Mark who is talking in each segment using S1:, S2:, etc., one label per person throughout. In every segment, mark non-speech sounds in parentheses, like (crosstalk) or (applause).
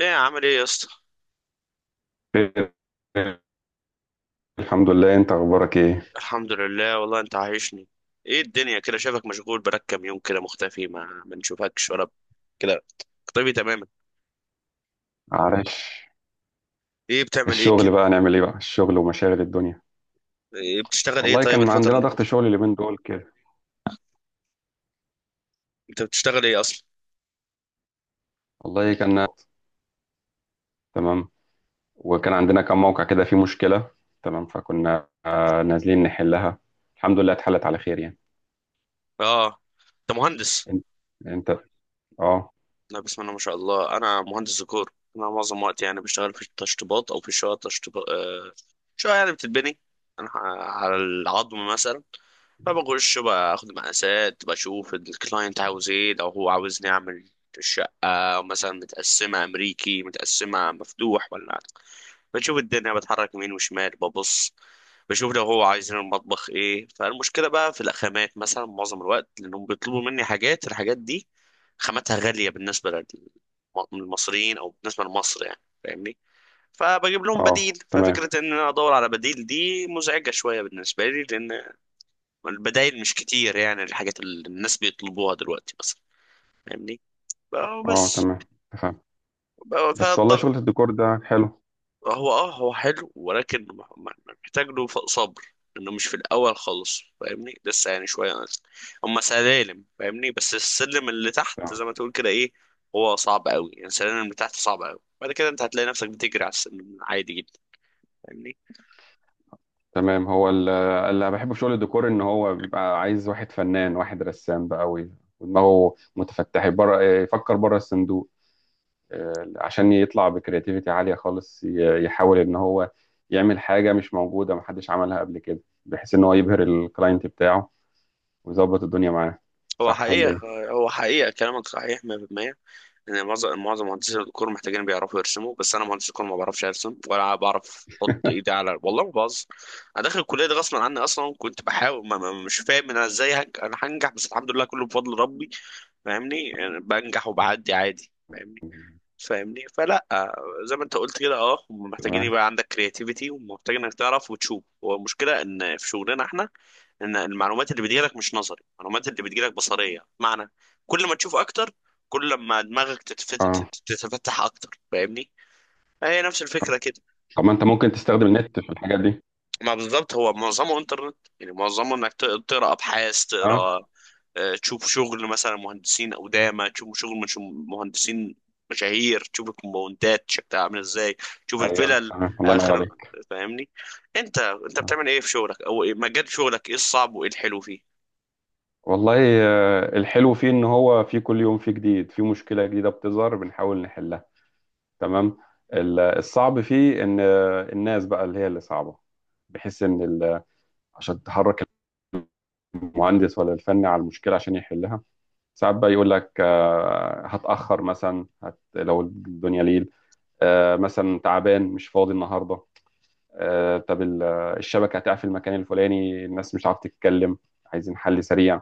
S1: ايه عامل ايه يا اسطى؟
S2: خير. الحمد لله، انت اخبارك ايه؟
S1: الحمد لله والله انت عايشني. ايه الدنيا كده؟ شايفك مشغول بقالك كام يوم كده مختفي، ما نشوفكش ولا كده. طبي تماما.
S2: عارف،
S1: ايه بتعمل ايه كده؟
S2: الشغل بقى، نعمل ايه بقى، الشغل ومشاغل الدنيا.
S1: ايه بتشتغل ايه
S2: والله
S1: طيب
S2: كان
S1: الفترة
S2: عندنا
S1: اللي
S2: ضغط
S1: فاتت؟
S2: شغل اليومين دول كده.
S1: انت بتشتغل ايه اصلا؟
S2: والله كان تمام. وكان عندنا كم موقع كده فيه مشكلة، تمام، فكنا نازلين نحلها. الحمد لله اتحلت على خير يعني.
S1: اه. انت مهندس؟
S2: انت انت. اه.
S1: لا بسم الله ما شاء الله، انا مهندس ديكور. انا معظم وقتي يعني بشتغل في التشطيبات او في شقق تشطيبات. شقق يعني بتتبني، على العظم مثلا. فبخش باخد مقاسات، بشوف الكلاينت عاوز ايه. لو هو عاوزني اعمل الشقة مثلا متقسمة أمريكي متقسمة مفتوح ولا، بشوف الدنيا بتحرك يمين وشمال ببص، بشوف لو هو عايزين المطبخ ايه. فالمشكلة بقى في الخامات مثلا معظم الوقت، لأنهم بيطلبوا مني حاجات. الحاجات دي خاماتها غالية بالنسبة للمصريين أو بالنسبة لمصر يعني، فاهمني؟ فبجيب لهم
S2: اه.
S1: بديل.
S2: تمام.
S1: ففكرة إن أنا أدور على بديل دي مزعجة شوية بالنسبة لي، لأن البدايل مش كتير، يعني الحاجات اللي الناس بيطلبوها دلوقتي مثلا. فاهمني؟
S2: اه،
S1: بس
S2: تمام تمام.
S1: بقى
S2: بس والله
S1: فالضغط.
S2: شغل الديكور ده حلو.
S1: هو حلو، ولكن محتاج له صبر. انه مش في الاول خالص فاهمني، لسه يعني شويه. هم سلالم فاهمني. بس السلم اللي تحت زي ما تقول كده ايه، هو صعب قوي. يعني السلالم اللي تحت صعب قوي، بعد كده انت هتلاقي نفسك بتجري على السلم عادي جدا. فاهمني؟
S2: تمام. هو اللي بحبه في شغل الديكور ان هو بيبقى عايز واحد فنان، واحد رسام بقى، ودماغه متفتح بره، يفكر بره الصندوق، عشان يطلع بكرياتيفيتي عالية خالص. يحاول ان هو يعمل حاجة مش موجودة، محدش عملها قبل كده، بحيث ان هو يبهر الكلاينت بتاعه ويظبط الدنيا معاه.
S1: هو
S2: صح ولا
S1: حقيقه،
S2: ايه؟
S1: هو حقيقه كلامك صحيح 100%. يعني معظم مهندسين الديكور محتاجين بيعرفوا يرسموا، بس انا مهندس ديكور ما بعرفش ارسم ولا بعرف احط ايدي
S2: (laughs)
S1: على، والله ما بهزر. انا داخل الكليه دي غصب عني اصلا، كنت بحاول، ما مش فاهم انا ازاي انا هنجح. بس الحمد لله كله بفضل ربي، فاهمني؟ يعني بنجح وبعدي عادي، فاهمني؟ فاهمني؟ فلا، زي ما انت قلت كده اه، هم محتاجين
S2: تمام.
S1: يبقى عندك كرياتيفيتي، ومحتاجين انك تعرف وتشوف. والمشكله ان في شغلنا احنا ان المعلومات اللي بتجيلك مش نظري، المعلومات اللي بتجيلك بصريه، معنى كل ما تشوف اكتر، كل ما دماغك
S2: اه،
S1: تتفتح اكتر. فاهمني؟ هي نفس الفكره كده.
S2: طب ما انت ممكن تستخدم النت في الحاجات دي.
S1: ما بالظبط هو معظمه انترنت، يعني معظمه انك تقرا ابحاث،
S2: اه،
S1: تقرا، تشوف شغل مثلا مهندسين قدامى، تشوف شغل مش مهندسين مشاهير، تشوف الكومباوندات شكلها عامل ازاي، تشوف
S2: ايوه
S1: الفلل
S2: تمام، الله ينور
S1: اخر.
S2: عليك.
S1: فاهمني؟ انت
S2: آه.
S1: بتعمل ايه في شغلك، او مجال شغلك ايه؟ الصعب وايه الحلو فيه؟
S2: والله، الحلو فيه ان هو في كل يوم فيه جديد، في مشكلة جديدة بتظهر بنحاول نحلها، تمام. الصعب فيه ان الناس بقى اللي هي اللي صعبة، بحيث ان عشان تحرك المهندس ولا الفني على المشكلة عشان يحلها. ساعات بقى يقول لك هتأخر مثلا، هت لو الدنيا ليل، مثلا تعبان مش فاضي النهاردة، آه، طب ال- الشبكة هتقع في المكان الفلاني، الناس مش عارفة تتكلم، عايزين حل سريع.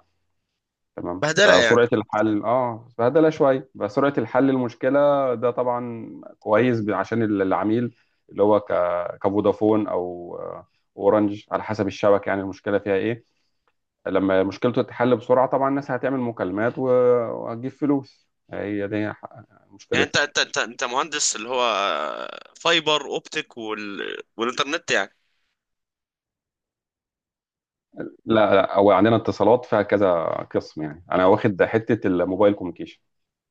S2: تمام،
S1: بهدله يعني.
S2: فسرعة الحل، اه، فهدلة شوية، فسرعة الحل المشكلة. ده طبعا كويس عشان العميل اللي هو كفودافون او اورنج، على حسب الشبكة يعني المشكلة فيها ايه. لما مشكلته تتحل بسرعة، طبعا الناس هتعمل مكالمات وهتجيب فلوس، هي دي
S1: يعني انت
S2: مشكلتها.
S1: انت انت, انت مهندس اللي هو فايبر اوبتيك والانترنت يعني؟
S2: لا لا، هو عندنا اتصالات فيها كذا قسم، يعني انا واخد حتة الموبايل كوميونيكيشن.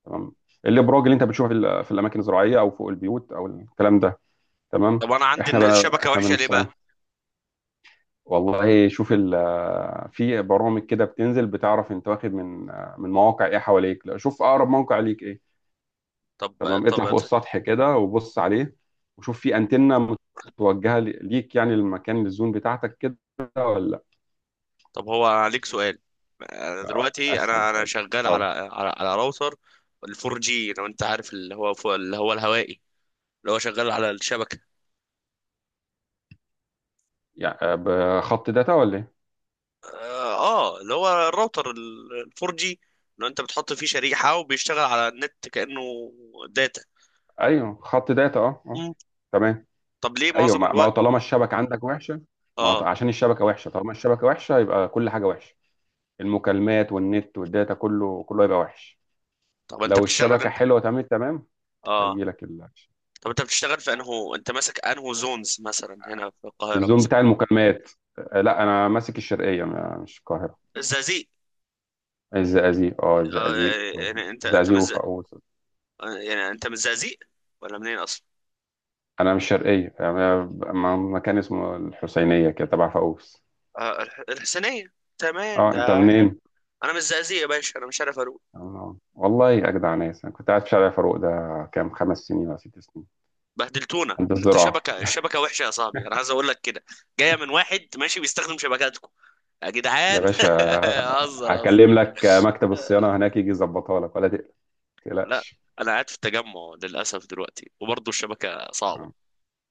S2: تمام. الابراج اللي انت بتشوفها في في الاماكن الزراعية او فوق البيوت او الكلام ده. تمام.
S1: طب انا عندي
S2: احنا
S1: ان
S2: بقى
S1: الشبكه
S2: احنا
S1: وحشه ليه
S2: بنصين.
S1: بقى؟
S2: والله شوف ال، في برامج كده بتنزل بتعرف انت واخد من مواقع ايه حواليك. لا شوف اقرب موقع ليك ايه.
S1: طب
S2: تمام،
S1: طب
S2: اطلع فوق السطح كده وبص عليه، وشوف في انتنه متوجهه ليك يعني، للمكان، للزون بتاعتك كده، ولا.
S1: طب هو عليك سؤال. أنا
S2: لا،
S1: دلوقتي
S2: اسهل
S1: انا
S2: حاجه.
S1: شغال
S2: اتفضل.
S1: على راوتر ال4 جي لو انت عارف، اللي هو فوق، اللي هو الهوائي، اللي هو شغال على الشبكه.
S2: يعني بخط داتا ولا ايه؟
S1: اه. اللي هو الراوتر ال4 جي، لو انت بتحط فيه شريحه وبيشتغل على النت كانه داتا.
S2: ايوه خط داتا، اه اه.
S1: مم.
S2: تمام.
S1: طب ليه
S2: ايوه،
S1: معظم
S2: ما هو
S1: الوقت؟
S2: طالما الشبكه عندك وحشه. ما هو ط-
S1: اه.
S2: عشان الشبكه وحشه، طالما الشبكه وحشه يبقى كل حاجه وحشه، المكالمات والنت والداتا، كله هيبقى وحش.
S1: طب انت
S2: لو
S1: بتشتغل
S2: الشبكة
S1: انت؟
S2: حلوة تمام، تمام
S1: اه.
S2: هيجي لك
S1: طب انت بتشتغل في انه انت ماسك انه زونز مثلا هنا في القاهرة
S2: الزوم
S1: مثلا؟
S2: بتاع المكالمات. لا انا ماسك الشرقية، مش القاهرة.
S1: الزقازيق؟
S2: الزقازيق، اه
S1: آه.
S2: الزقازيق
S1: يعني انت انت
S2: الزقازيق
S1: مز...
S2: وفاقوس.
S1: يعني انت من الزقازيق ولا منين اصلا؟
S2: انا مش شرقية، انا مكان اسمه الحسينية كده تبع فاقوس.
S1: الحسينية، تمام
S2: اه، انت
S1: ده حلو.
S2: منين؟
S1: انا من الزقازيق يا باشا، انا مش عارف اروح.
S2: والله اجدع ناس، انا كنت قاعد في شارع فاروق ده كام، 5 سنين ولا 6 سنين،
S1: بهدلتونا،
S2: عند
S1: ان انت
S2: الزراعة.
S1: شبكة الشبكة وحشة يا صاحبي، انا عايز اقول لك كده، جاية من واحد ماشي بيستخدم شبكاتكم يا
S2: يا
S1: جدعان.
S2: باشا
S1: (laughs) هزر هزر.
S2: هكلم لك مكتب الصيانة هناك يجي يظبطها لك، ولا تقلق، ما
S1: لا.
S2: تقلقش.
S1: انا قاعد في التجمع للاسف دلوقتي وبرضه الشبكة صعبة.
S2: آه،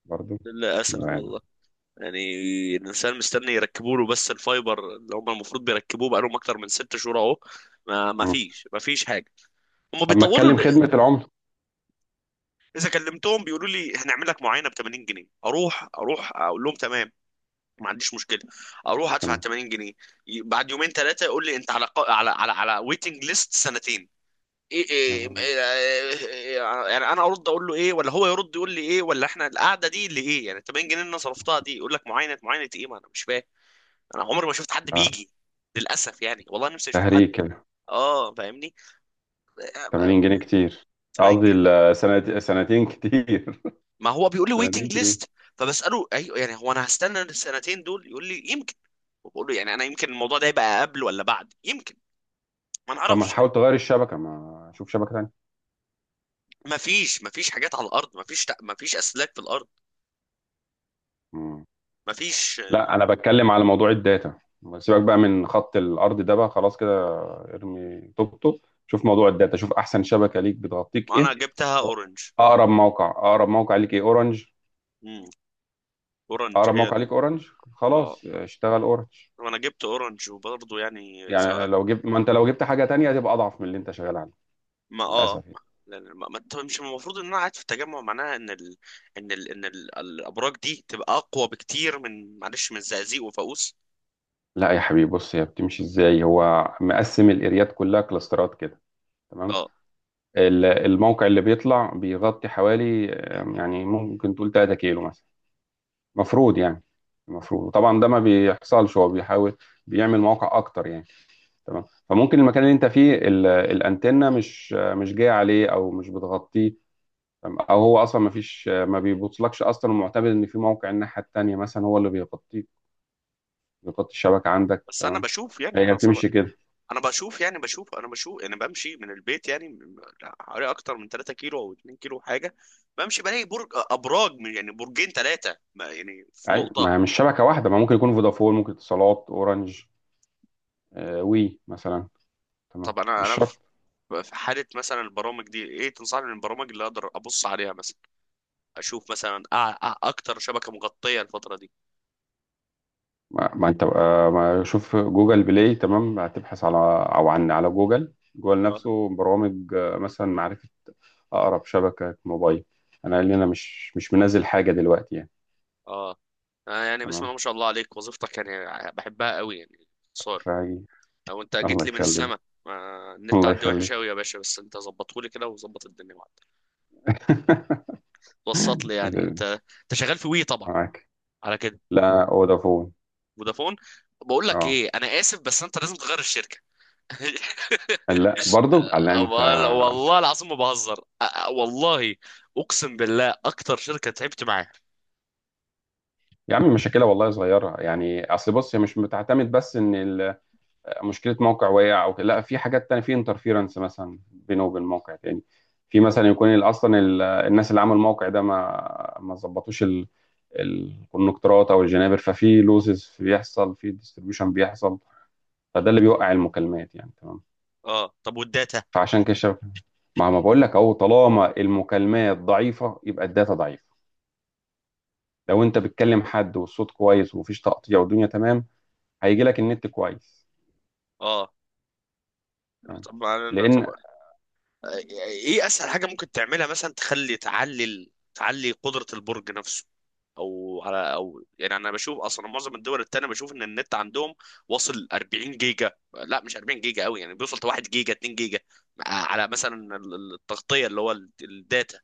S2: برضو
S1: للاسف
S2: يعني.
S1: والله. يعني الانسان مستني يركبوا له، بس الفايبر اللي هم المفروض بيركبوه بقالهم اكتر من 6 شهور اهو. ما ما
S2: مم.
S1: فيش ما فيش حاجه، هم
S2: طب ما
S1: بيطولوا
S2: اتكلم
S1: ل-
S2: خدمة العملة.
S1: اذا كلمتهم بيقولوا لي هنعمل لك معاينه ب 80 جنيه، اروح اقول لهم تمام، ما عنديش مشكله، اروح ادفع
S2: تمام.
S1: 80 جنيه. بعد يومين ثلاثه يقول لي انت على على ويتنج ليست سنتين. إيه
S2: يا
S1: إيه
S2: بوي.
S1: إيه إيه؟ يعني انا ارد اقول له ايه، ولا هو يرد يقول لي ايه، ولا احنا القعده دي اللي ايه، يعني 80 جنيه اللي انا صرفتها دي يقول لك معاينه معاينه ايه، ما انا مش فاهم. انا عمري ما شفت حد
S2: آه،
S1: بيجي، للاسف يعني والله نفسي اشوف حد.
S2: تهريج كده.
S1: اه فاهمني. بقى
S2: 80 جنيه كتير.
S1: 80
S2: قصدي
S1: جنيه
S2: 2 سنين كتير. (laughs)
S1: ما هو بيقول لي
S2: 2 سنين
S1: ويتنج
S2: كتير.
S1: ليست. فبساله ايوه يعني هو انا هستنى السنتين دول يقول لي يمكن، وبقول له يعني انا يمكن الموضوع ده يبقى قبل ولا بعد يمكن ما
S2: طب ما
S1: نعرفش.
S2: تحاول تغير الشبكة، ما شوف شبكة تانية.
S1: ما فيش حاجات على الارض، ما فيش اسلاك في الارض،
S2: مم.
S1: ما فيش.
S2: لا انا بتكلم على موضوع الداتا، سيبك بقى من خط الارض ده بقى، خلاص كده ارمي طوبته. شوف موضوع الداتا، شوف احسن شبكة ليك بتغطيك
S1: ما انا
S2: ايه،
S1: جبتها اورنج.
S2: اقرب موقع، اقرب موقع ليك ايه. اورنج،
S1: امم. اورنج
S2: اقرب
S1: هي
S2: موقع ليك اورنج،
S1: اه.
S2: خلاص اشتغل اورنج.
S1: وانا جبت اورنج وبرضه يعني
S2: يعني
S1: اذا،
S2: لو جبت، ما انت لو جبت حاجة تانية هتبقى اضعف من اللي انت شغال عليه.
S1: ما اه
S2: للاسف
S1: ما
S2: يعني.
S1: طب مش المفروض ان انا قاعد في التجمع معناها الابراج دي تبقى اقوى بكتير من معلش من الزقازيق وفاقوس؟
S2: لا يا حبيبي بص، هي بتمشي ازاي، هو مقسم الاريات كلها كلاسترات كده. تمام.
S1: اه،
S2: الموقع اللي بيطلع بيغطي حوالي يعني ممكن تقول 3 كيلو مثلا، مفروض يعني. المفروض طبعا ده ما بيحصلش، هو بيحاول بيعمل مواقع اكتر يعني. تمام. فممكن المكان اللي انت فيه الانتنه مش مش جايه عليه او مش بتغطيه، تمام؟ او هو اصلا ما فيش، ما بيبوصلكش اصلا، ومعتمد ان في موقع الناحيه التانيه مثلا هو اللي بيغطيه نقاط الشبكة عندك.
S1: بس انا
S2: تمام،
S1: بشوف يعني
S2: هي
S1: انا صبر،
S2: بتمشي كده.
S1: انا بشوف يعني بشوف انا بشوف انا بمشي من البيت يعني حوالي اكتر من 3 كيلو او 2 كيلو حاجه، بمشي بلاقي برج ابراج يعني برجين ثلاثه يعني في
S2: أي
S1: نقطه.
S2: ما هي مش شبكة واحدة، ما ممكن يكون فودافون، ممكن اتصالات، أورنج، وي مثلا، تمام،
S1: طب انا
S2: مش
S1: في،
S2: شرط.
S1: في حاله مثلا البرامج دي ايه تنصحني من البرامج اللي اقدر ابص عليها مثلا اشوف مثلا اكتر شبكه مغطيه الفتره دي؟
S2: ما, ما أنت بقى ما شوف جوجل بلاي، تمام، هتبحث على أو عن على جوجل، جوجل
S1: اه
S2: نفسه، برامج مثلا معرفة أقرب شبكة موبايل. أنا قال لي أنا مش منزل حاجة دلوقتي يعني.
S1: اه. يعني بسم الله
S2: تمام.
S1: ما شاء الله عليك، وظيفتك يعني بحبها قوي يعني. صار،
S2: فهي،
S1: لو انت جيت
S2: الله
S1: لي من
S2: يخليك.
S1: السما. ما النت
S2: الله
S1: عندي وحش
S2: يخليك.
S1: قوي يا باشا، بس انت ظبطه لي كده وظبط الدنيا معاك. وسط لي يعني.
S2: (laughs)
S1: انت شغال في وي طبعا
S2: معاك.
S1: على كده؟
S2: لا، فودافون.
S1: فودافون؟ بقول لك
S2: اه،
S1: ايه، انا اسف بس انت لازم تغير الشركه. (laughs)
S2: لا برضو على انت.
S1: والله العظيم ما بهزر، والله اقسم بالله اكتر شركه تعبت معاها.
S2: يا عم مشاكلها والله صغيرة يعني. أصل بص هي مش بتعتمد بس إن مشكلة موقع وقع أو كده، لا في حاجات تانية، في انترفيرنس مثلا بينه وبين موقع تاني، في مثلا يكون الناس اللي عملوا الموقع ده ما ظبطوش الكونكتورات أو الجنابر، ففي لوزز بيحصل، في ديستريبيوشن بيحصل، فده اللي بيوقع المكالمات يعني، تمام.
S1: اه طب والداتا.
S2: فعشان كده الشبكة، ما بقول لك أهو، طالما المكالمات ضعيفة يبقى الداتا ضعيفة. لو أنت بتكلم حد والصوت كويس ومفيش تقطيع والدنيا تمام، هيجي لك النت كويس،
S1: اه
S2: تمام.
S1: طب طب
S2: لان
S1: ايه اسهل حاجه ممكن تعملها؟ مثلا تخلي تعلي ال- تعلي قدره البرج نفسه، او يعني انا بشوف اصلا معظم الدول التانية بشوف ان النت عندهم واصل 40 جيجا، لا مش 40 جيجا قوي يعني، بيوصل ل 1 جيجا 2 جيجا، على مثلا التغطيه اللي هو الداتا.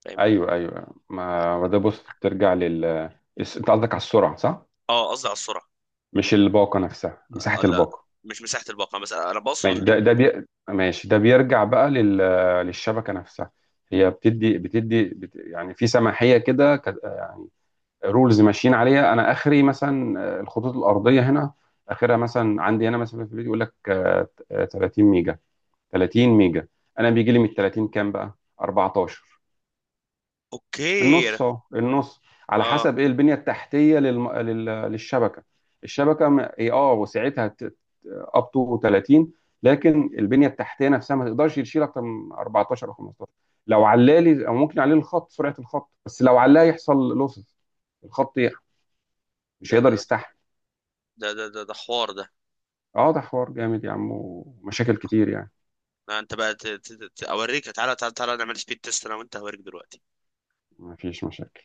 S1: فاهمني؟
S2: ايوه ايوه، ما ده بص بترجع لل، انت قصدك على السرعه صح،
S1: اه قصدي على السرعه.
S2: مش الباقه نفسها، مساحه
S1: لا
S2: الباقه.
S1: مش مساحه الباقه، مثلا انا بقصد
S2: ماشي، ده بيرجع بقى للشبكه نفسها. هي بتدي يعني في سماحيه كده، يعني رولز ماشيين عليها، انا اخري مثلا الخطوط الارضيه هنا اخرها مثلا عندي هنا مثلا في البيت يقول لك 30 ميجا، 30 ميجا انا بيجي لي من 30 كام بقى، 14،
S1: اوكي.
S2: النص اهو النص. على
S1: اه
S2: حسب ايه البنيه التحتيه للشبكه. الشبكه هي اه وسعتها اب تو 30، لكن البنيه التحتيه نفسها ما تقدرش تشيل اكتر من 14 او 15. لو علالي او ممكن يعلي الخط، سرعه الخط، بس لو علاه يحصل لوسز، الخط يح- مش
S1: ده
S2: هيقدر
S1: ده
S2: يستحمل.
S1: ده حوار ده.
S2: اه ده حوار جامد يا عم، ومشاكل كتير يعني.
S1: لا انت بقى اوريك تعالى تعالى تعالى، نعمل سبيد تيست انا وانت هوريك دلوقتي.
S2: ما فيش مشاكل.